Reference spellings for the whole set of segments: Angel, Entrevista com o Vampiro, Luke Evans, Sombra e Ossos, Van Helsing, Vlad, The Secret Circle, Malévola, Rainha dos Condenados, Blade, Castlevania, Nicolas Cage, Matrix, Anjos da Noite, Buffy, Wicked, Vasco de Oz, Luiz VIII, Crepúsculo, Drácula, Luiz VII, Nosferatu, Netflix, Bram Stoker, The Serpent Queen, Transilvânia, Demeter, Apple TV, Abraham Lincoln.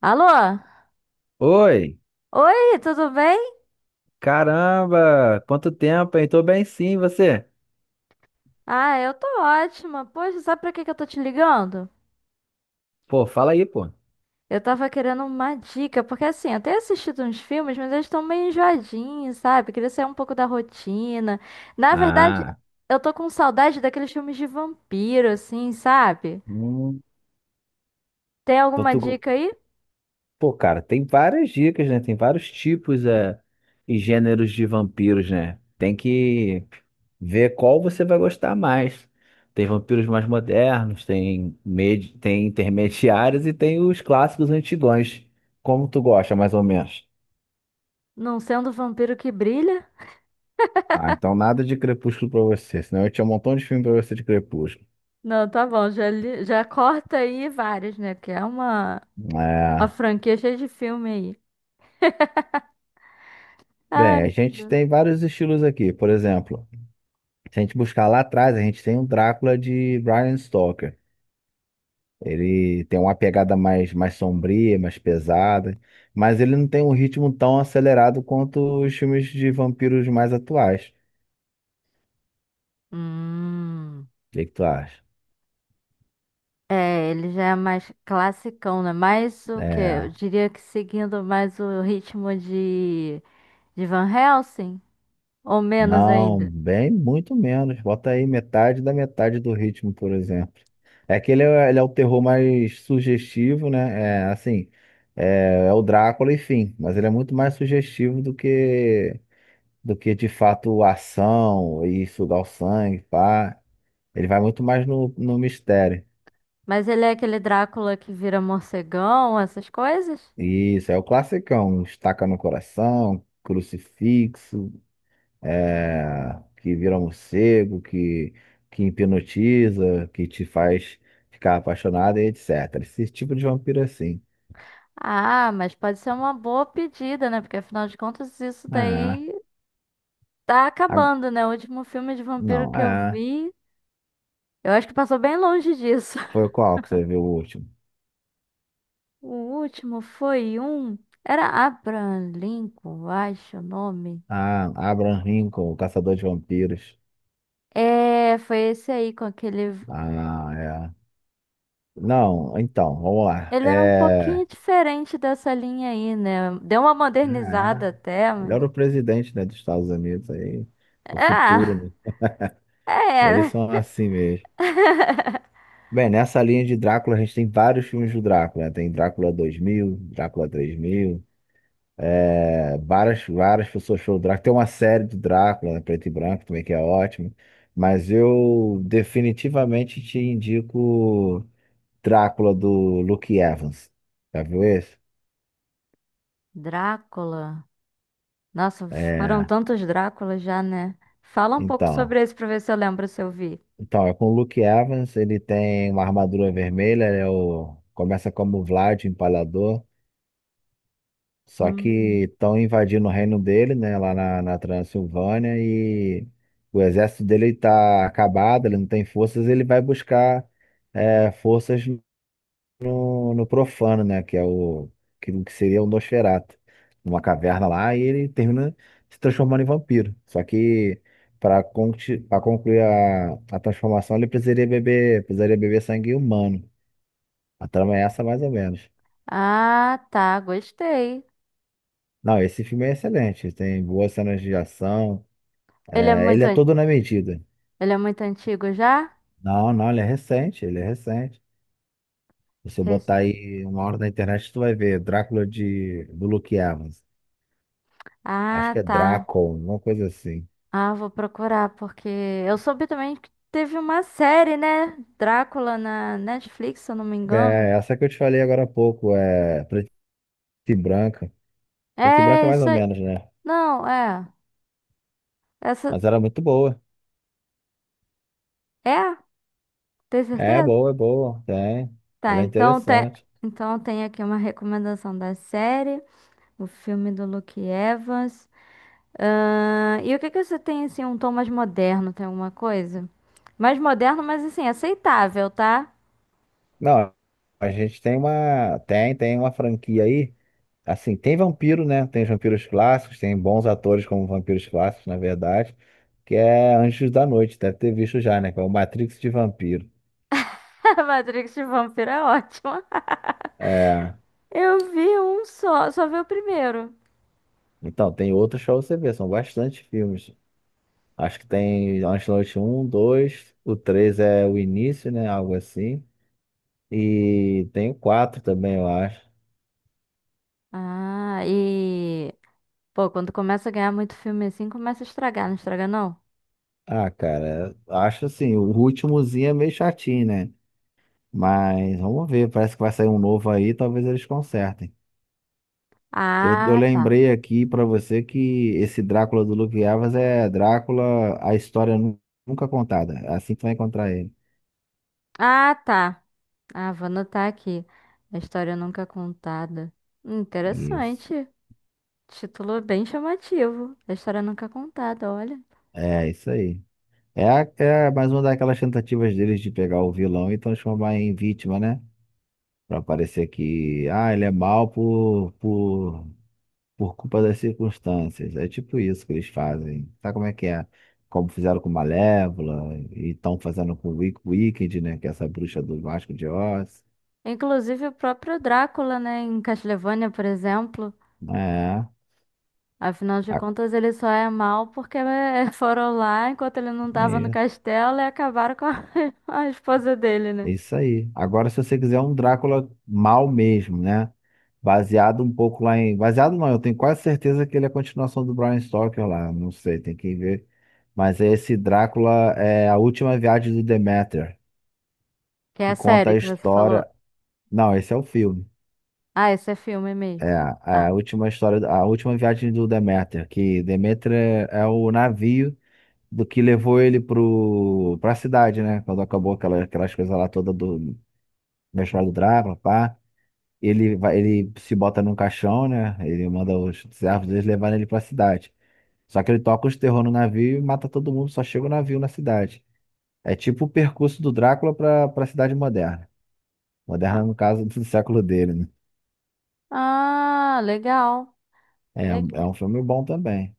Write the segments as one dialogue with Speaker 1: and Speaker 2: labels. Speaker 1: Alô?
Speaker 2: Oi,
Speaker 1: Oi, tudo bem?
Speaker 2: caramba, quanto tempo, hein? Tô bem sim, e você?
Speaker 1: Ah, eu tô ótima. Poxa, sabe pra que que eu tô te ligando?
Speaker 2: Pô, fala aí, pô.
Speaker 1: Eu tava querendo uma dica, porque assim, eu tenho assistido uns filmes, mas eles estão meio enjoadinhos, sabe? Queria sair um pouco da rotina. Na verdade,
Speaker 2: Ah,
Speaker 1: eu tô com saudade daqueles filmes de vampiro, assim, sabe?
Speaker 2: hum,
Speaker 1: Tem
Speaker 2: então
Speaker 1: alguma
Speaker 2: tu...
Speaker 1: dica aí?
Speaker 2: Pô, cara, tem várias dicas, né? Tem vários tipos e gêneros de vampiros, né? Tem que ver qual você vai gostar mais. Tem vampiros mais modernos, tem intermediários e tem os clássicos antigões. Como tu gosta, mais ou menos?
Speaker 1: Não sendo o vampiro que brilha?
Speaker 2: Ah, então nada de Crepúsculo pra você, senão eu tinha um montão de filme pra você de Crepúsculo.
Speaker 1: Não, tá bom, já, já corta aí vários, né? Porque é uma
Speaker 2: É.
Speaker 1: franquia cheia de filme aí.
Speaker 2: Bem, a
Speaker 1: Ai.
Speaker 2: gente tem vários estilos aqui. Por exemplo, se a gente buscar lá atrás, a gente tem o Drácula de Bram Stoker. Ele tem uma pegada mais sombria, mais pesada, mas ele não tem um ritmo tão acelerado quanto os filmes de vampiros mais atuais. O
Speaker 1: Hum.
Speaker 2: que que tu acha?
Speaker 1: É, ele já é mais classicão, né? Mais o quê? Eu
Speaker 2: É.
Speaker 1: diria que seguindo mais o ritmo de Van Helsing, ou menos
Speaker 2: Não,
Speaker 1: ainda.
Speaker 2: bem muito menos. Bota aí metade da metade do ritmo, por exemplo. É que ele é o terror mais sugestivo, né? É assim, é o Drácula, enfim, mas ele é muito mais sugestivo do que de fato ação e sugar o sangue, pá. Ele vai muito mais no mistério.
Speaker 1: Mas ele é aquele Drácula que vira morcegão, essas coisas?
Speaker 2: Isso, é o classicão, estaca no coração, crucifixo. É, que vira morcego, que hipnotiza, que te faz ficar apaixonada e etc. Esse tipo de vampiro é assim.
Speaker 1: Ah, mas pode ser uma boa pedida, né? Porque afinal de contas isso
Speaker 2: Ah,
Speaker 1: daí tá
Speaker 2: a-
Speaker 1: acabando, né? O último filme de vampiro
Speaker 2: não,
Speaker 1: que eu
Speaker 2: é.
Speaker 1: vi, eu acho que passou bem longe disso.
Speaker 2: Foi qual que você viu o último?
Speaker 1: O último foi um. Era Abraham Lincoln, eu acho o nome.
Speaker 2: Ah, Abraham Lincoln, o Caçador de Vampiros.
Speaker 1: É, foi esse aí com aquele.
Speaker 2: Ah, é. Não, então, vamos lá.
Speaker 1: Ele era um
Speaker 2: É,
Speaker 1: pouquinho diferente dessa linha aí, né? Deu uma modernizada
Speaker 2: ah,
Speaker 1: até,
Speaker 2: é. Ele
Speaker 1: mas.
Speaker 2: era o presidente, né, dos Estados Unidos aí, o futuro,
Speaker 1: Ah,
Speaker 2: né?
Speaker 1: é,
Speaker 2: Eles são
Speaker 1: né?
Speaker 2: assim mesmo. Bem, nessa linha de Drácula, a gente tem vários filmes do Drácula, né? Tem Drácula 2000, Drácula 3000, é, várias pessoas falam do Drácula. Tem uma série do Drácula, né? Preto e branco também, que é ótimo. Mas eu definitivamente te indico Drácula do Luke Evans. Já viu esse?
Speaker 1: Drácula. Nossa, foram
Speaker 2: É,
Speaker 1: tantos Dráculas já, né? Fala um pouco
Speaker 2: então.
Speaker 1: sobre esse pra ver se eu lembro se eu vi.
Speaker 2: Então, é com o Luke Evans, ele tem uma armadura vermelha, começa como Vlad, o Empalador. Só
Speaker 1: Hum.
Speaker 2: que estão invadindo o reino dele, né, lá na Transilvânia, e o exército dele está acabado, ele não tem forças, ele vai buscar forças no profano, né, que é o que seria o Nosferatu, numa caverna lá, e ele termina se transformando em vampiro. Só que para concluir a transformação, ele precisaria beber sangue humano. A trama é essa, mais ou menos.
Speaker 1: Ah, tá, gostei.
Speaker 2: Não, esse filme é excelente. Tem boas cenas de ação.
Speaker 1: Ele é
Speaker 2: É, ele
Speaker 1: muito,
Speaker 2: é todo na medida.
Speaker 1: ele é muito antigo já?
Speaker 2: Não, não, ele é recente, ele é recente. Se você
Speaker 1: Rec-
Speaker 2: botar aí uma hora na internet, tu vai ver Drácula do Luke Evans. Acho
Speaker 1: Ah,
Speaker 2: que é
Speaker 1: tá.
Speaker 2: Drácula, uma coisa assim.
Speaker 1: Ah, vou procurar, porque eu soube também que teve uma série, né? Drácula na Netflix, se eu não me
Speaker 2: É,
Speaker 1: engano.
Speaker 2: essa que eu te falei agora há pouco, é preta e branca. Preta e branca é
Speaker 1: É,
Speaker 2: mais
Speaker 1: isso
Speaker 2: ou
Speaker 1: aí.
Speaker 2: menos, né?
Speaker 1: Não, é. Essa.
Speaker 2: Mas era muito boa.
Speaker 1: É? Tem
Speaker 2: É
Speaker 1: certeza?
Speaker 2: boa, é boa, tem.
Speaker 1: Tá,
Speaker 2: Ela é
Speaker 1: então tem.
Speaker 2: interessante.
Speaker 1: Então tem aqui uma recomendação da série, o filme do Luke Evans. E o que que você tem, assim, um tom mais moderno? Tem alguma coisa? Mais moderno, mas assim, aceitável, tá?
Speaker 2: Não, a gente tem tem uma franquia aí. Assim, tem vampiro, né? Tem os vampiros clássicos, tem bons atores como vampiros clássicos, na verdade, que é Anjos da Noite, deve ter visto já, né? Que é o Matrix de vampiro.
Speaker 1: Matrix de Vampiro é ótima.
Speaker 2: É.
Speaker 1: Eu vi um só, só vi o primeiro.
Speaker 2: Então, tem outros pra você ver, são bastante filmes. Acho que tem Anjos da Noite um 2 o 3 é o início, né? Algo assim. E tem o 4 também, eu acho.
Speaker 1: Ah, e. Pô, quando começa a ganhar muito filme assim, começa a estragar, não estraga não?
Speaker 2: Ah, cara, acho assim, o últimozinho é meio chatinho, né? Mas vamos ver, parece que vai sair um novo aí, talvez eles consertem. Eu
Speaker 1: Ah, tá.
Speaker 2: lembrei aqui pra você que esse Drácula do Luke Evans é Drácula, a história nunca contada. É assim que tu vai encontrar ele.
Speaker 1: Ah, tá. Ah, vou anotar aqui. A história nunca contada.
Speaker 2: Isso.
Speaker 1: Interessante. Título bem chamativo. A história nunca contada, olha.
Speaker 2: É, isso aí. É. É mais uma daquelas tentativas deles de pegar o vilão e transformar em vítima, né? Pra parecer que, ah, ele é mal por culpa das circunstâncias. É tipo isso que eles fazem. Sabe como é que é? Como fizeram com Malévola e estão fazendo com Wicked, né? Que é essa bruxa do Vasco de Oz.
Speaker 1: Inclusive o próprio Drácula, né, em Castlevania, por exemplo.
Speaker 2: É.
Speaker 1: Afinal de
Speaker 2: A-
Speaker 1: contas, ele só é mal porque foram lá enquanto ele não tava no
Speaker 2: É
Speaker 1: castelo e acabaram com a a esposa dele, né?
Speaker 2: é isso aí. Agora, se você quiser um Drácula mal mesmo, né? Baseado um pouco lá em. Baseado não, eu tenho quase certeza que ele é a continuação do Bram Stoker lá. Não sei, tem que ver. Mas é esse Drácula é a última viagem do Demeter,
Speaker 1: Que é a
Speaker 2: que conta
Speaker 1: série
Speaker 2: a
Speaker 1: que você falou.
Speaker 2: história. Não, esse é o filme.
Speaker 1: Ah, esse é filme
Speaker 2: É
Speaker 1: mesmo.
Speaker 2: a
Speaker 1: Tá.
Speaker 2: a última história, a última viagem do Demeter, que Demeter é o navio do que levou ele para a cidade, né? Quando acabou aquela, aquelas coisas lá toda do, Mestre do Drácula, pá. Ele vai, ele se bota num caixão, né? Ele manda os servos deles levarem ele pra cidade. Só que ele toca os terror no navio e mata todo mundo, só chega o navio na cidade. É tipo o percurso do Drácula pra cidade moderna.
Speaker 1: Ah,
Speaker 2: Moderna, no caso, do século dele, né?
Speaker 1: ah, legal.
Speaker 2: É.
Speaker 1: Le-
Speaker 2: É um filme bom também.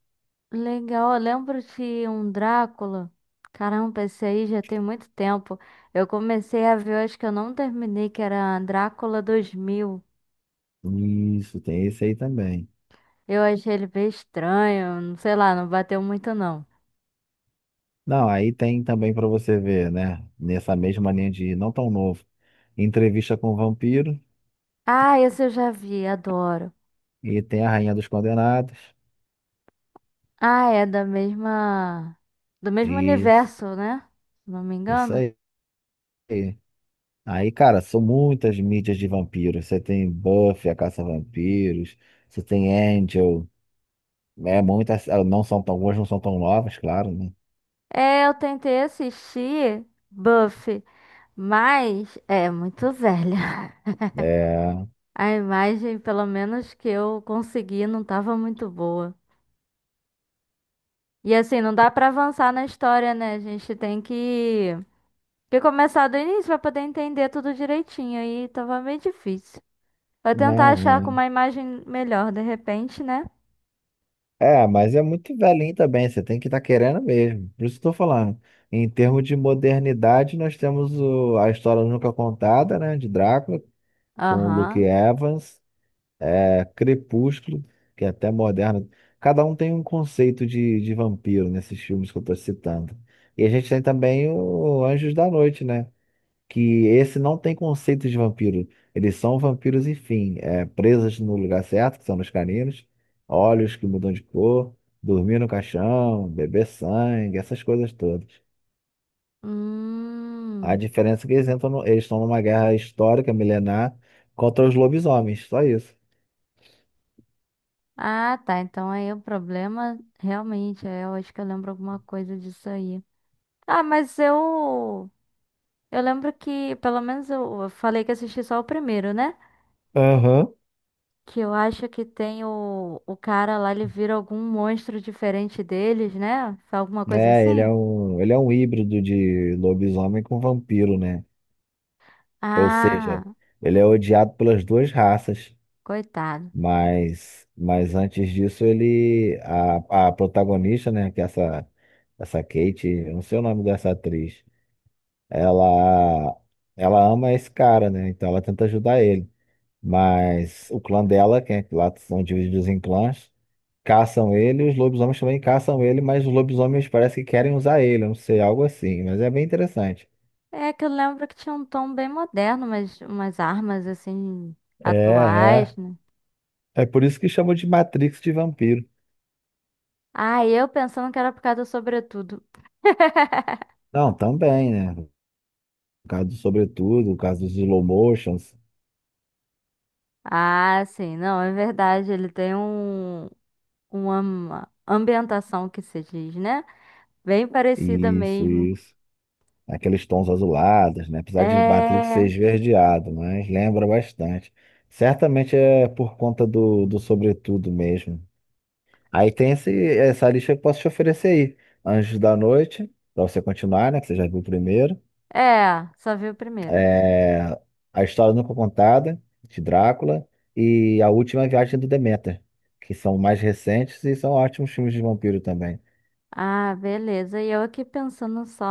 Speaker 1: legal. Eu lembro de um Drácula. Caramba, esse aí já tem muito tempo. Eu comecei a ver, eu acho que eu não terminei, que era Drácula 2000.
Speaker 2: Isso, tem esse aí também.
Speaker 1: Eu achei ele bem estranho, não sei lá, não bateu muito não.
Speaker 2: Não, aí tem também pra você ver, né? Nessa mesma linha de não tão novo. Entrevista com o Vampiro
Speaker 1: Ah, esse eu já vi, adoro.
Speaker 2: e tem a Rainha dos Condenados.
Speaker 1: Ah, é da mesma. Do mesmo
Speaker 2: Isso,
Speaker 1: universo, né? Se não me
Speaker 2: isso
Speaker 1: engano.
Speaker 2: aí. Aí, cara, são muitas mídias de vampiros. Você tem Buffy, a Caça-Vampiros, você tem Angel. Muitas, ah, algumas não são tão novas, claro, né?
Speaker 1: É, eu tentei assistir Buffy. Mas é muito velha.
Speaker 2: É,
Speaker 1: A imagem, pelo menos que eu consegui, não estava muito boa. E assim, não dá para avançar na história, né? A gente tem que começar do início para poder entender tudo direitinho. Aí tava meio difícil. Vou tentar
Speaker 2: não,
Speaker 1: achar com
Speaker 2: é.
Speaker 1: uma imagem melhor, de repente, né?
Speaker 2: É, mas é muito velhinho também, você tem que estar querendo mesmo. Por isso que eu tô falando. Em termos de modernidade, nós temos a história nunca contada, né? De Drácula, com o Luke
Speaker 1: Aham.
Speaker 2: Evans. É, Crepúsculo, que é até moderno. Cada um tem um conceito de vampiro nesses filmes que eu estou citando. E a gente tem também o Anjos da Noite, né? Que esse não tem conceito de vampiro. Eles são vampiros, enfim, é, presas no lugar certo, que são nos caninos, olhos que mudam de cor, dormir no caixão, beber sangue, essas coisas todas. A
Speaker 1: Hum.
Speaker 2: diferença é que eles entram eles estão numa guerra histórica, milenar, contra os lobisomens, só isso.
Speaker 1: Ah, tá. Então aí o problema realmente é, eu acho que eu lembro alguma coisa disso aí. Ah, mas eu eu lembro que, pelo menos eu falei que assisti só o primeiro, né?
Speaker 2: Aham.
Speaker 1: Que eu acho que tem o cara lá, ele vira algum monstro diferente deles, né? Alguma coisa
Speaker 2: Né? Ele é
Speaker 1: assim?
Speaker 2: um, ele é um híbrido de lobisomem com vampiro, né? Ou
Speaker 1: Ah,
Speaker 2: seja, ele é odiado pelas duas raças,
Speaker 1: coitado.
Speaker 2: mas antes disso a protagonista, né? Que é essa Kate, eu não sei o nome dessa atriz, ela, ela ama esse cara, né? Então ela tenta ajudar ele. Mas o clã dela, que é, lá são divididos em clãs, caçam ele, os lobisomens também caçam ele, mas os lobisomens parece que querem usar ele, eu não sei, algo assim, mas é bem interessante.
Speaker 1: É que eu lembro que tinha um tom bem moderno, mas umas armas assim,
Speaker 2: É,
Speaker 1: atuais,
Speaker 2: é.
Speaker 1: né?
Speaker 2: É por isso que chamam de Matrix de vampiro.
Speaker 1: Ah, e eu pensando que era por causa do sobretudo.
Speaker 2: Não, também, né? O caso do Sobretudo, o caso dos slow motions,
Speaker 1: Ah, sim, não, é verdade. Ele tem um, uma ambientação que se diz, né? Bem parecida
Speaker 2: isso,
Speaker 1: mesmo.
Speaker 2: isso. Aqueles tons azulados, né? Apesar de Matrix ser
Speaker 1: É,
Speaker 2: esverdeado, mas lembra bastante. Certamente é por conta do Sobretudo mesmo. Aí tem essa lista que eu posso te oferecer aí. Anjos da Noite, pra você continuar, né? Que você já viu o primeiro.
Speaker 1: é, só vi o primeiro.
Speaker 2: É, A História Nunca Contada, de Drácula. E A Última Viagem do Deméter, que são mais recentes e são ótimos filmes de vampiro também.
Speaker 1: Ah, beleza. E eu aqui pensando só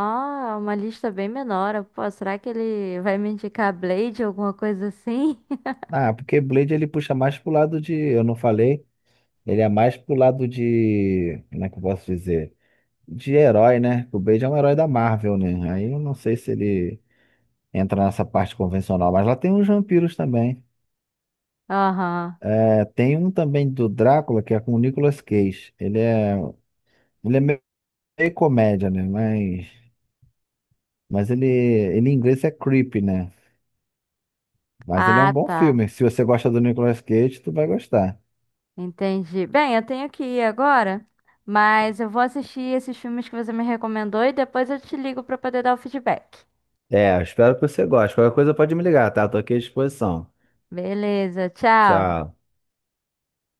Speaker 1: uma lista bem menor. Eu, Pô, será que ele vai me indicar Blade, alguma coisa assim?
Speaker 2: Ah, porque Blade ele puxa mais pro lado de. Eu não falei, ele é mais pro lado de. Como é que eu posso dizer? De herói, né? O Blade é um herói da Marvel, né? Aí eu não sei se ele entra nessa parte convencional, mas lá tem uns vampiros também.
Speaker 1: Aham.
Speaker 2: É, tem um também do Drácula que é com o Nicolas Cage. Ele é meio comédia, né? Mas ele em inglês é creepy, né? Mas ele é um
Speaker 1: Ah,
Speaker 2: bom
Speaker 1: tá.
Speaker 2: filme. Se você gosta do Nicolas Cage, tu vai gostar.
Speaker 1: Entendi. Bem, eu tenho que ir agora, mas eu vou assistir esses filmes que você me recomendou e depois eu te ligo pra poder dar o feedback.
Speaker 2: É, eu espero que você goste. Qualquer coisa pode me ligar, tá? Tô aqui à disposição.
Speaker 1: Beleza, tchau.
Speaker 2: Tchau.